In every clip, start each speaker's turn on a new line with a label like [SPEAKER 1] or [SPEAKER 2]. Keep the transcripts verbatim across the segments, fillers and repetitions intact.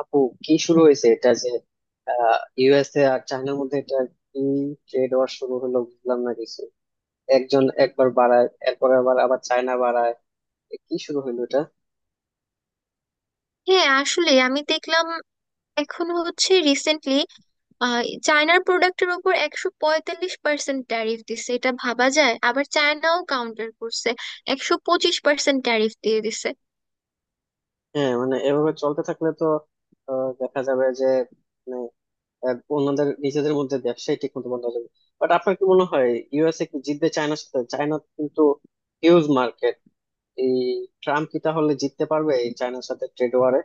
[SPEAKER 1] আপু, কি শুরু হয়েছে এটা যে ইউএসএ আর চায়নার মধ্যে? এটা কি ট্রেড ওয়ার শুরু হলো? বুঝলাম না কিছু। একজন একবার বাড়ায়, এরপর আবার আবার চায়না বাড়ায়। এ কি শুরু হলো এটা?
[SPEAKER 2] হ্যাঁ, আসলে আমি দেখলাম এখন হচ্ছে রিসেন্টলি চায়নার প্রোডাক্টের উপর একশো পঁয়তাল্লিশ পার্সেন্ট ট্যারিফ দিছে, এটা ভাবা যায়? আবার চায়নাও কাউন্টার করছে, একশো পঁচিশ পার্সেন্ট ট্যারিফ দিয়ে দিছে।
[SPEAKER 1] হ্যাঁ, মানে এভাবে চলতে থাকলে তো আহ, দেখা যাবে যে মানে আহ, অন্যদের নিজেদের মধ্যে ব্যবসায় ঠিক মতো বন্ধ হয়ে যাবে। বাট আপনার কি মনে হয়? ইউএসএ কি জিতবে চায়নার সাথে? চায়না কিন্তু হিউজ মার্কেট। এই ট্রাম্প কি তাহলে জিততে পারবে এই চায়নার সাথে ট্রেড ওয়ারে?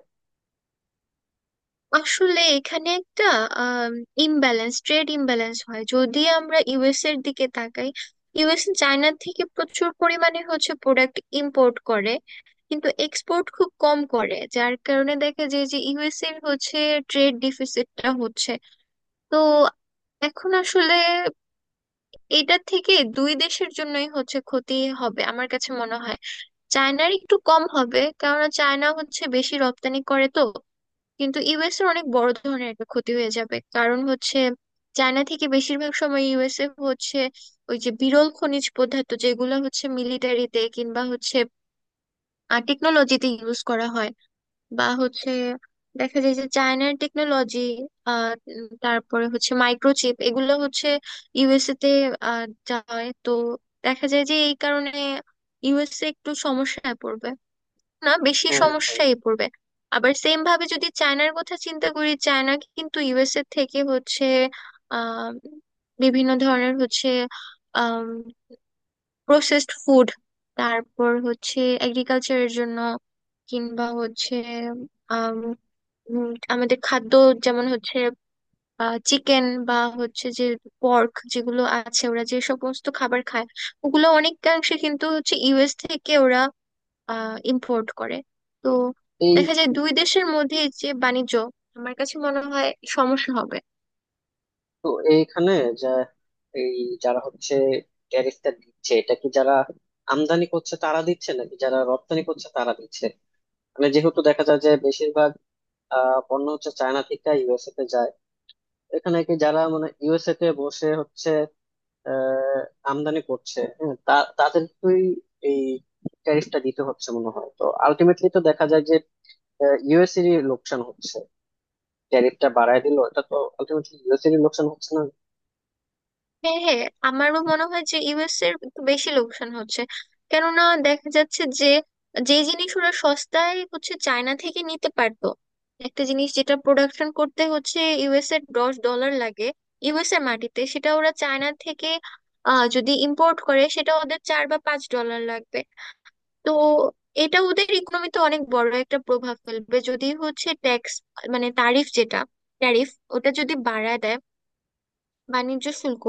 [SPEAKER 2] আসলে এখানে একটা ইমব্যালেন্স, ট্রেড ইমব্যালেন্স হয় যদি আমরা ইউএস এর দিকে তাকাই। ইউএস চায়না থেকে প্রচুর পরিমাণে হচ্ছে প্রোডাক্ট ইম্পোর্ট করে, কিন্তু এক্সপোর্ট খুব কম করে, যার কারণে দেখা যায় যে ইউএস এর হচ্ছে ট্রেড ডিফিসিটটা হচ্ছে। তো এখন আসলে এটা থেকে দুই দেশের জন্যই হচ্ছে ক্ষতি হবে আমার কাছে মনে হয়। চায়নার একটু কম হবে কেননা চায়না হচ্ছে বেশি রপ্তানি করে তো। কিন্তু ইউএস এর অনেক বড় ধরনের একটা ক্ষতি হয়ে যাবে, কারণ হচ্ছে চায়না থেকে বেশিরভাগ সময় ইউএসএ হচ্ছে ওই যে বিরল খনিজ পদার্থ যেগুলো হচ্ছে মিলিটারিতে কিংবা হচ্ছে টেকনোলজিতে ইউজ করা হয়, বা হচ্ছে দেখা যায় যে চায়নার টেকনোলজি, তারপরে হচ্ছে মাইক্রোচিপ এগুলো হচ্ছে ইউএসএ তে আহ, যায় তো। দেখা যায় যে এই কারণে ইউএসএ একটু সমস্যায় পড়বে, না, বেশি
[SPEAKER 1] হ্যাঁ, হ্যাঁ।
[SPEAKER 2] সমস্যায় পড়বে। আবার সেম ভাবে যদি চায়নার কথা চিন্তা করি, চায়না কিন্তু ইউএসএ থেকে হচ্ছে আহ বিভিন্ন ধরনের হচ্ছে আহ প্রসেসড ফুড, তারপর হচ্ছে এগ্রিকালচারের জন্য, কিংবা হচ্ছে উম, আমাদের খাদ্য, যেমন হচ্ছে চিকেন বা হচ্ছে যে পর্ক, যেগুলো আছে ওরা যে সমস্ত খাবার খায়, ওগুলো অনেকাংশে কিন্তু হচ্ছে ইউএস থেকে ওরা ইম্পোর্ট করে। তো দেখা যায় দুই দেশের মধ্যে যে বাণিজ্য, আমার কাছে মনে হয় সমস্যা হবে।
[SPEAKER 1] তো এইখানে যে এই যারা হচ্ছে ট্যারিফটা দিচ্ছে, এটা কি যারা আমদানি করছে তারা দিচ্ছে, নাকি যারা রপ্তানি করছে তারা দিচ্ছে? মানে যেহেতু দেখা যায় যে বেশিরভাগ আহ পণ্য হচ্ছে চায়না থেকে ইউএসএ তে যায়, এখানে কি যারা মানে ইউএসএ তে বসে হচ্ছে আহ আমদানি করছে, হ্যাঁ, তা তাদেরকেই এই ট্যারিফটা দিতে হচ্ছে মনে হয়। তো আলটিমেটলি তো দেখা যায় যে ইউএসএরই লোকসান হচ্ছে। ট্যারিফটা বাড়ায় দিল, এটা তো আলটিমেটলি ইউএসএরই লোকসান হচ্ছে না?
[SPEAKER 2] হ্যাঁ, হ্যাঁ, আমারও মনে হয় যে ইউএস এর একটু বেশি লোকসান হচ্ছে, কেননা দেখা যাচ্ছে যে যে জিনিস ওরা সস্তায় হচ্ছে চায়না থেকে নিতে পারতো, একটা জিনিস যেটা প্রোডাকশন করতে হচ্ছে ইউএস এর দশ ডলার লাগে ইউএস এর মাটিতে, সেটা ওরা চায়না থেকে আহ যদি ইম্পোর্ট করে সেটা ওদের চার বা পাঁচ ডলার লাগবে। তো এটা ওদের ইকোনমিতে অনেক বড় একটা প্রভাব ফেলবে যদি হচ্ছে ট্যাক্স, মানে তারিফ যেটা ট্যারিফ, ওটা যদি বাড়ায় দেয়, বাণিজ্য শুল্ক।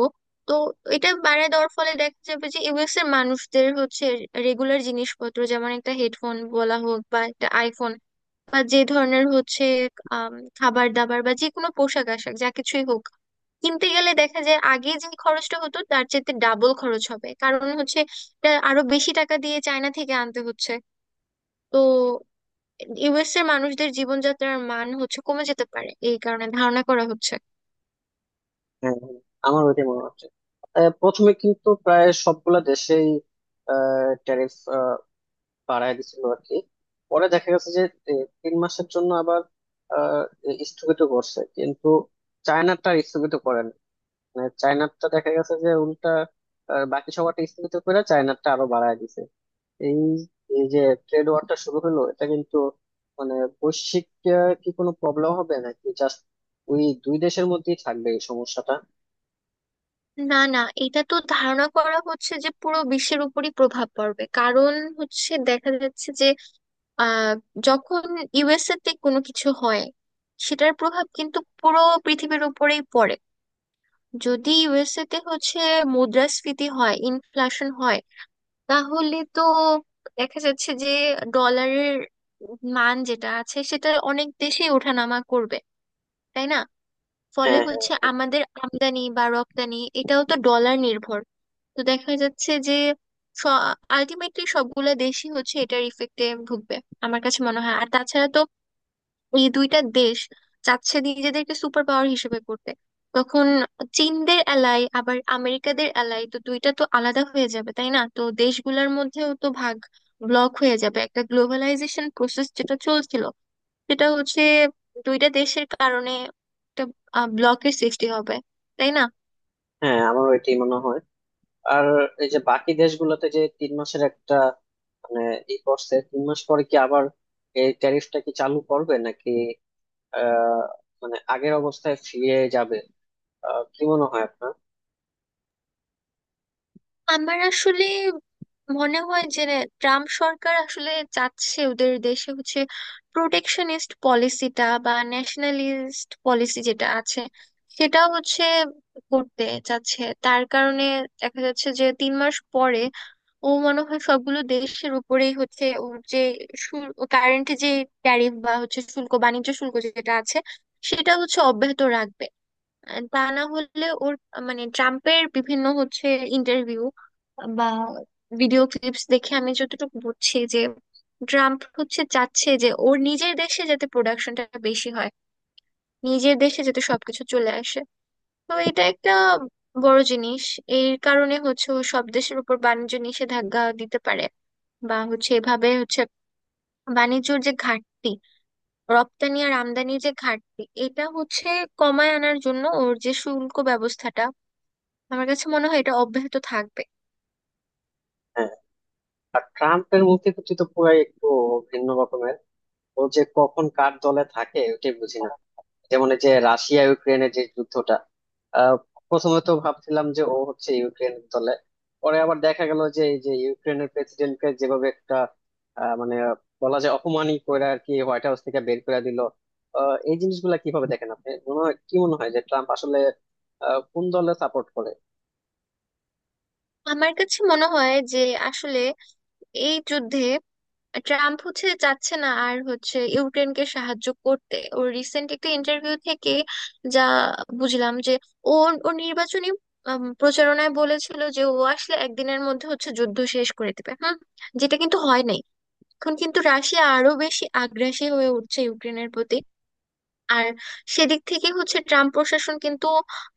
[SPEAKER 2] তো এটা বাড়ায় দেওয়ার ফলে দেখা যাবে যে ইউএস এর মানুষদের হচ্ছে রেগুলার জিনিসপত্র, যেমন একটা হেডফোন বলা হোক বা একটা আইফোন, বা যে ধরনের হচ্ছে আম, খাবার দাবার বা যে কোনো পোশাক আশাক যা কিছুই হোক, কিনতে গেলে দেখা যায় আগে যে খরচটা হতো তার চেয়ে ডাবল খরচ হবে, কারণ হচ্ছে এটা আরো বেশি টাকা দিয়ে চায়না থেকে আনতে হচ্ছে। তো ইউএস এর মানুষদের জীবনযাত্রার মান হচ্ছে কমে যেতে পারে এই কারণে ধারণা করা হচ্ছে।
[SPEAKER 1] হ্যাঁ, হ্যাঁ, আমার ওইটাই মনে হচ্ছে। আহ, প্রথমে কিন্তু প্রায় সবগুলা দেশেই ট্যারিফ বাড়ায় দিছিল আর কি। পরে দেখা গেছে যে এ, তিন মাসের জন্য আবার আহ, এ, স্থগিত করছে, কিন্তু চায়নাটা স্থগিত করেন। মানে চায়নাটা দেখা গেছে যে উল্টা, আহ, বাকি সবারটা স্থগিত করে চায়নাটা আরো বাড়ায় দিছে। এই এই যে ট্রেড ওয়ারটা শুরু হলো, এটা কিন্তু মানে বৈশ্বিক আহ, কি কোনো প্রবলেম হবে, নাকি জাস্ট ওই দুই দেশের মধ্যেই থাকবে এই সমস্যাটা?
[SPEAKER 2] না না, এটা তো ধারণা করা হচ্ছে যে পুরো বিশ্বের উপরই প্রভাব পড়বে, কারণ হচ্ছে দেখা যাচ্ছে যে আহ যখন ইউএসএ তে কোনো কিছু হয়, সেটার প্রভাব কিন্তু পুরো পৃথিবীর উপরেই পড়ে। যদি ইউএসএ তে হচ্ছে মুদ্রাস্ফীতি হয়, ইনফ্লেশন হয়, তাহলে তো দেখা যাচ্ছে যে ডলারের মান যেটা আছে সেটা অনেক দেশেই ওঠানামা করবে, তাই না? ফলে
[SPEAKER 1] হ্যাঁ, হ্যাঁ,
[SPEAKER 2] হচ্ছে আমাদের আমদানি বা রপ্তানি এটাও তো ডলার নির্ভর। তো দেখা যাচ্ছে যে আলটিমেটলি সবগুলা দেশই হচ্ছে এটার ইফেক্টে ভুগবে আমার কাছে মনে হয়। আর তাছাড়া তো এই দুইটা দেশ চাচ্ছে নিজেদেরকে সুপার পাওয়ার হিসেবে করতে, তখন চীনদের অ্যালাই আবার আমেরিকাদের অ্যালাই তো দুইটা তো আলাদা হয়ে যাবে তাই না, তো দেশগুলোর মধ্যেও তো ভাগ, ব্লক হয়ে যাবে। একটা গ্লোবালাইজেশন প্রসেস যেটা চলছিল, সেটা হচ্ছে দুইটা দেশের কারণে একটা ব্লকের সৃষ্টি হবে, তাই না?
[SPEAKER 1] হ্যাঁ, আমারও এটাই মনে হয়। আর এই যে বাকি দেশগুলোতে যে তিন মাসের একটা মানে ই করছে, তিন মাস পরে কি আবার এই ট্যারিফটা কি চালু করবে, নাকি আহ মানে আগের অবস্থায় ফিরে যাবে? আহ, কি মনে হয় আপনার?
[SPEAKER 2] আমার আসলে মনে হয় যে ট্রাম্প সরকার আসলে চাচ্ছে ওদের দেশে হচ্ছে প্রোটেকশনিস্ট পলিসিটা বা ন্যাশনালিস্ট পলিসি যেটা আছে সেটা হচ্ছে করতে চাচ্ছে। তার কারণে দেখা যাচ্ছে যে তিন মাস পরে ও মনে হয় সবগুলো দেশের উপরেই হচ্ছে ওর যে কারেন্ট যে ট্যারিফ বা হচ্ছে শুল্ক, বাণিজ্য শুল্ক যেটা আছে সেটা হচ্ছে অব্যাহত রাখবে। আহ তা না হলে ওর আহ, মানে ট্রাম্পের বিভিন্ন হচ্ছে ইন্টারভিউ বা ভিডিও ক্লিপস দেখে আমি যতটুকু বুঝছি যে ট্রাম্প হচ্ছে চাচ্ছে যে ওর নিজের দেশে যাতে প্রোডাকশনটা বেশি হয়, নিজের দেশে যাতে সবকিছু চলে আসে। তো এটা একটা বড় জিনিস। এর কারণে হচ্ছে ও সব দেশের উপর বাণিজ্য নিষেধাজ্ঞা দিতে পারে, বা হচ্ছে এভাবে হচ্ছে বাণিজ্যর যে ঘাটতি, রপ্তানি আর আমদানির যে ঘাটতি এটা হচ্ছে কমায় আনার জন্য ওর যে শুল্ক ব্যবস্থাটা, আমার কাছে মনে হয় এটা অব্যাহত থাকবে।
[SPEAKER 1] হ্যাঁ। আর ট্রাম্পের মূর্তিগতি তো পুরাই একটু ভিন্ন রকমের। ও যে কখন কার দলে থাকে ওটাই বুঝি না। যেমন এই যে রাশিয়া ইউক্রেনের যে যুদ্ধটা, আহ, প্রথমে তো ভাবছিলাম যে ও হচ্ছে ইউক্রেনের দলে। পরে আবার দেখা গেল যে এই যে ইউক্রেনের প্রেসিডেন্টকে যেভাবে একটা আহ, মানে বলা যায় অপমানই করে আর কি হোয়াইট হাউস থেকে বের করে দিল। আহ, এই জিনিসগুলা কিভাবে দেখেন আপনি? মনে হয় কি? মনে হয় যে ট্রাম্প আসলে আহ, কোন দলে সাপোর্ট করে?
[SPEAKER 2] আমার কাছে মনে হয় যে আসলে এই যুদ্ধে ট্রাম্প হচ্ছে চাচ্ছে না আর হচ্ছে ইউক্রেনকে সাহায্য করতে। ও রিসেন্ট একটা ইন্টারভিউ থেকে যা বুঝলাম যে ও ও নির্বাচনী উম, প্রচারণায় বলেছিল যে ও আসলে একদিনের মধ্যে হচ্ছে যুদ্ধ শেষ করে দেবে, হুম, যেটা কিন্তু হয় নাই। এখন কিন্তু রাশিয়া আরো বেশি আগ্রাসী হয়ে উঠছে ইউক্রেনের প্রতি। আর সেদিক থেকে হচ্ছে ট্রাম্প প্রশাসন কিন্তু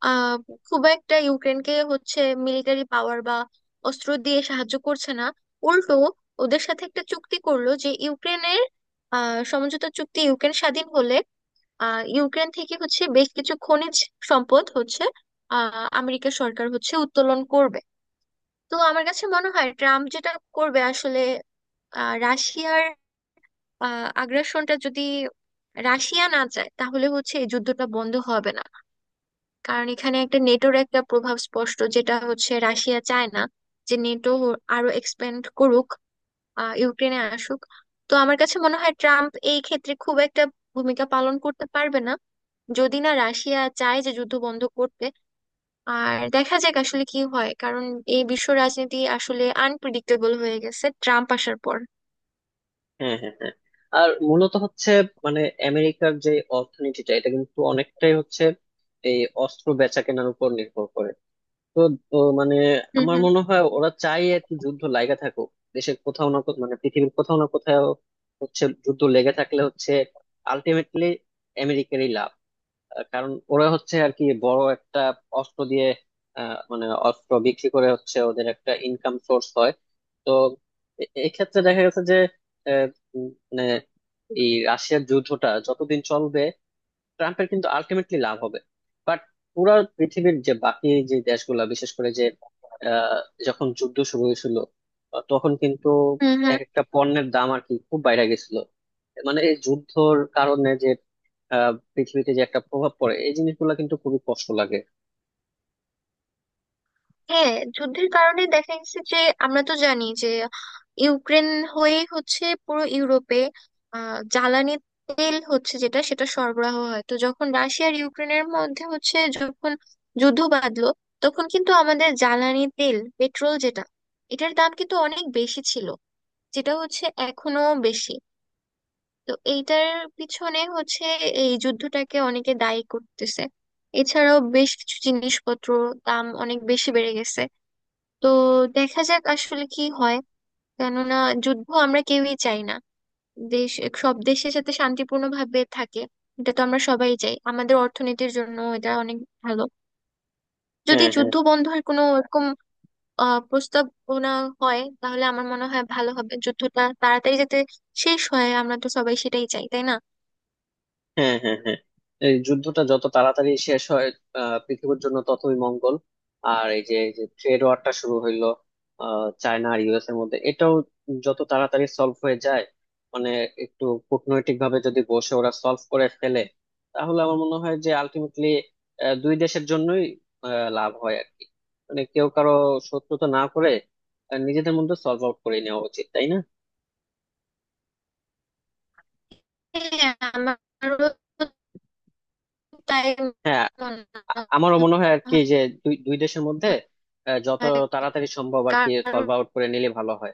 [SPEAKER 2] আহ খুব একটা ইউক্রেনকে হচ্ছে মিলিটারি পাওয়ার বা অস্ত্র দিয়ে সাহায্য করছে না। উল্টো ওদের সাথে একটা চুক্তি করলো যে ইউক্রেনের আহ সমঝোতা চুক্তি, ইউক্রেন স্বাধীন হলে আহ ইউক্রেন থেকে হচ্ছে বেশ কিছু খনিজ সম্পদ হচ্ছে আহ আমেরিকা সরকার হচ্ছে উত্তোলন করবে। তো আমার কাছে মনে হয় ট্রাম্প যেটা করবে আসলে, আহ রাশিয়ার আগ্রাসনটা যদি রাশিয়া না চায় তাহলে হচ্ছে এই যুদ্ধটা বন্ধ হবে না। কারণ এখানে একটা নেটোর একটা প্রভাব স্পষ্ট, যেটা হচ্ছে রাশিয়া চায় না যে নেটো আরো এক্সপ্যান্ড করুক, আহ, ইউক্রেনে আসুক। তো আমার কাছে মনে হয় ট্রাম্প এই ক্ষেত্রে খুব একটা ভূমিকা পালন করতে পারবে না, যদি না রাশিয়া চায় যে যুদ্ধ বন্ধ করতে। আর দেখা যাক আসলে কি হয়, কারণ এই বিশ্ব রাজনীতি আসলে আনপ্রেডিক্টেবল হয়ে গেছে ট্রাম্প আসার পর।
[SPEAKER 1] হ্যাঁ, হ্যাঁ, হ্যাঁ। আর মূলত হচ্ছে মানে আমেরিকার যে অর্থনীতিটা, এটা কিন্তু অনেকটাই হচ্ছে এই অস্ত্র বেচা কেনার উপর নির্ভর করে। তো তো মানে
[SPEAKER 2] হুম,
[SPEAKER 1] আমার
[SPEAKER 2] হুম,
[SPEAKER 1] মনে হয় ওরা চাই আর কি যুদ্ধ লাগা থাকুক দেশের কোথাও না কোথাও, মানে পৃথিবীর কোথাও না কোথাও হচ্ছে যুদ্ধ লেগে থাকলে হচ্ছে আলটিমেটলি আমেরিকারই লাভ। আহ, কারণ ওরা হচ্ছে আর কি বড় একটা অস্ত্র দিয়ে আহ, মানে অস্ত্র বিক্রি করে হচ্ছে ওদের একটা ইনকাম সোর্স হয়। তো এ- এক্ষেত্রে দেখা গেছে যে আহ, উম, মানে এই রাশিয়ার যুদ্ধটা যতদিন চলবে ট্রাম্পের কিন্তু আলটিমেটলি লাভ হবে। বাট পুরা পৃথিবীর যে বাকি যে দেশগুলা বিশেষ করে যে আহ, যখন যুদ্ধ শুরু হয়েছিল আহ, তখন কিন্তু
[SPEAKER 2] হুম, হুম।
[SPEAKER 1] এক একটা পণ্যের দাম আর কি খুব বাইরে গেছিল। মানে এই যুদ্ধর কারণে যে আহ, পৃথিবীতে যে একটা প্রভাব পড়ে এই জিনিসগুলো কিন্তু খুবই কষ্ট লাগে।
[SPEAKER 2] হ্যাঁ, যুদ্ধের কারণে দেখা গেছে যে আমরা তো জানি যে ইউক্রেন হয়ে হচ্ছে পুরো ইউরোপে আহ, জ্বালানি তেল হচ্ছে যেটা সেটা সরবরাহ হয়। তো যখন রাশিয়া আর ইউক্রেনের মধ্যে হচ্ছে যখন যুদ্ধ বাঁধলো, তখন কিন্তু আমাদের জ্বালানি তেল পেট্রোল যেটা, এটার দাম কিন্তু অনেক বেশি ছিল, যেটা হচ্ছে এখনো বেশি। তো এইটার পিছনে হচ্ছে এই যুদ্ধটাকে অনেকে দায়ী করতেছে। এছাড়াও বেশ কিছু জিনিসপত্র দাম অনেক বেশি বেড়ে গেছে। তো দেখা যাক আসলে কি হয়, কেননা যুদ্ধ আমরা কেউই চাই না। দেশ, সব দেশের সাথে শান্তিপূর্ণ ভাবে থাকে, এটা তো আমরা সবাই চাই। আমাদের অর্থনীতির জন্য এটা অনেক ভালো যদি
[SPEAKER 1] হ্যাঁ, হ্যাঁ,
[SPEAKER 2] যুদ্ধ বন্ধের কোনো এরকম আহ প্রস্তাবনা হয়, তাহলে আমার মনে হয় ভালো হবে, যুদ্ধটা তাড়াতাড়ি যাতে শেষ হয়, আমরা তো সবাই সেটাই চাই, তাই না?
[SPEAKER 1] হ্যাঁ, হ্যাঁ, হ্যাঁ। এই যুদ্ধটা যত তাড়াতাড়ি শেষ হয় আহ, পৃথিবীর জন্য ততই মঙ্গল। আর এই যে এই যে ট্রেড ওয়ারটা শুরু হইলো আহ, চায়না আর ইউএস এর মধ্যে, এটাও যত তাড়াতাড়ি সলভ হয়ে যায়, মানে একটু কূটনৈতিক ভাবে যদি বসে ওরা সলভ করে ফেলে তাহলে আমার মনে হয় যে আলটিমেটলি দুই দেশের জন্যই আহ, লাভ হয় আর কি। মানে কেউ কারো শত্রুতা না করে আহ, নিজেদের মধ্যে সলভ আউট করে নেওয়া উচিত, তাই না?
[SPEAKER 2] হ্যাঁ, আমারও তাই
[SPEAKER 1] হ্যাঁ।
[SPEAKER 2] মনে
[SPEAKER 1] আ- আমারও মনে হয় আর কি যে দুই দুই দেশের মধ্যে আহ, যত
[SPEAKER 2] হয়।
[SPEAKER 1] তাড়াতাড়ি সম্ভব আর কি
[SPEAKER 2] কারণ
[SPEAKER 1] সলভ আউট করে নিলে ভালো হয়।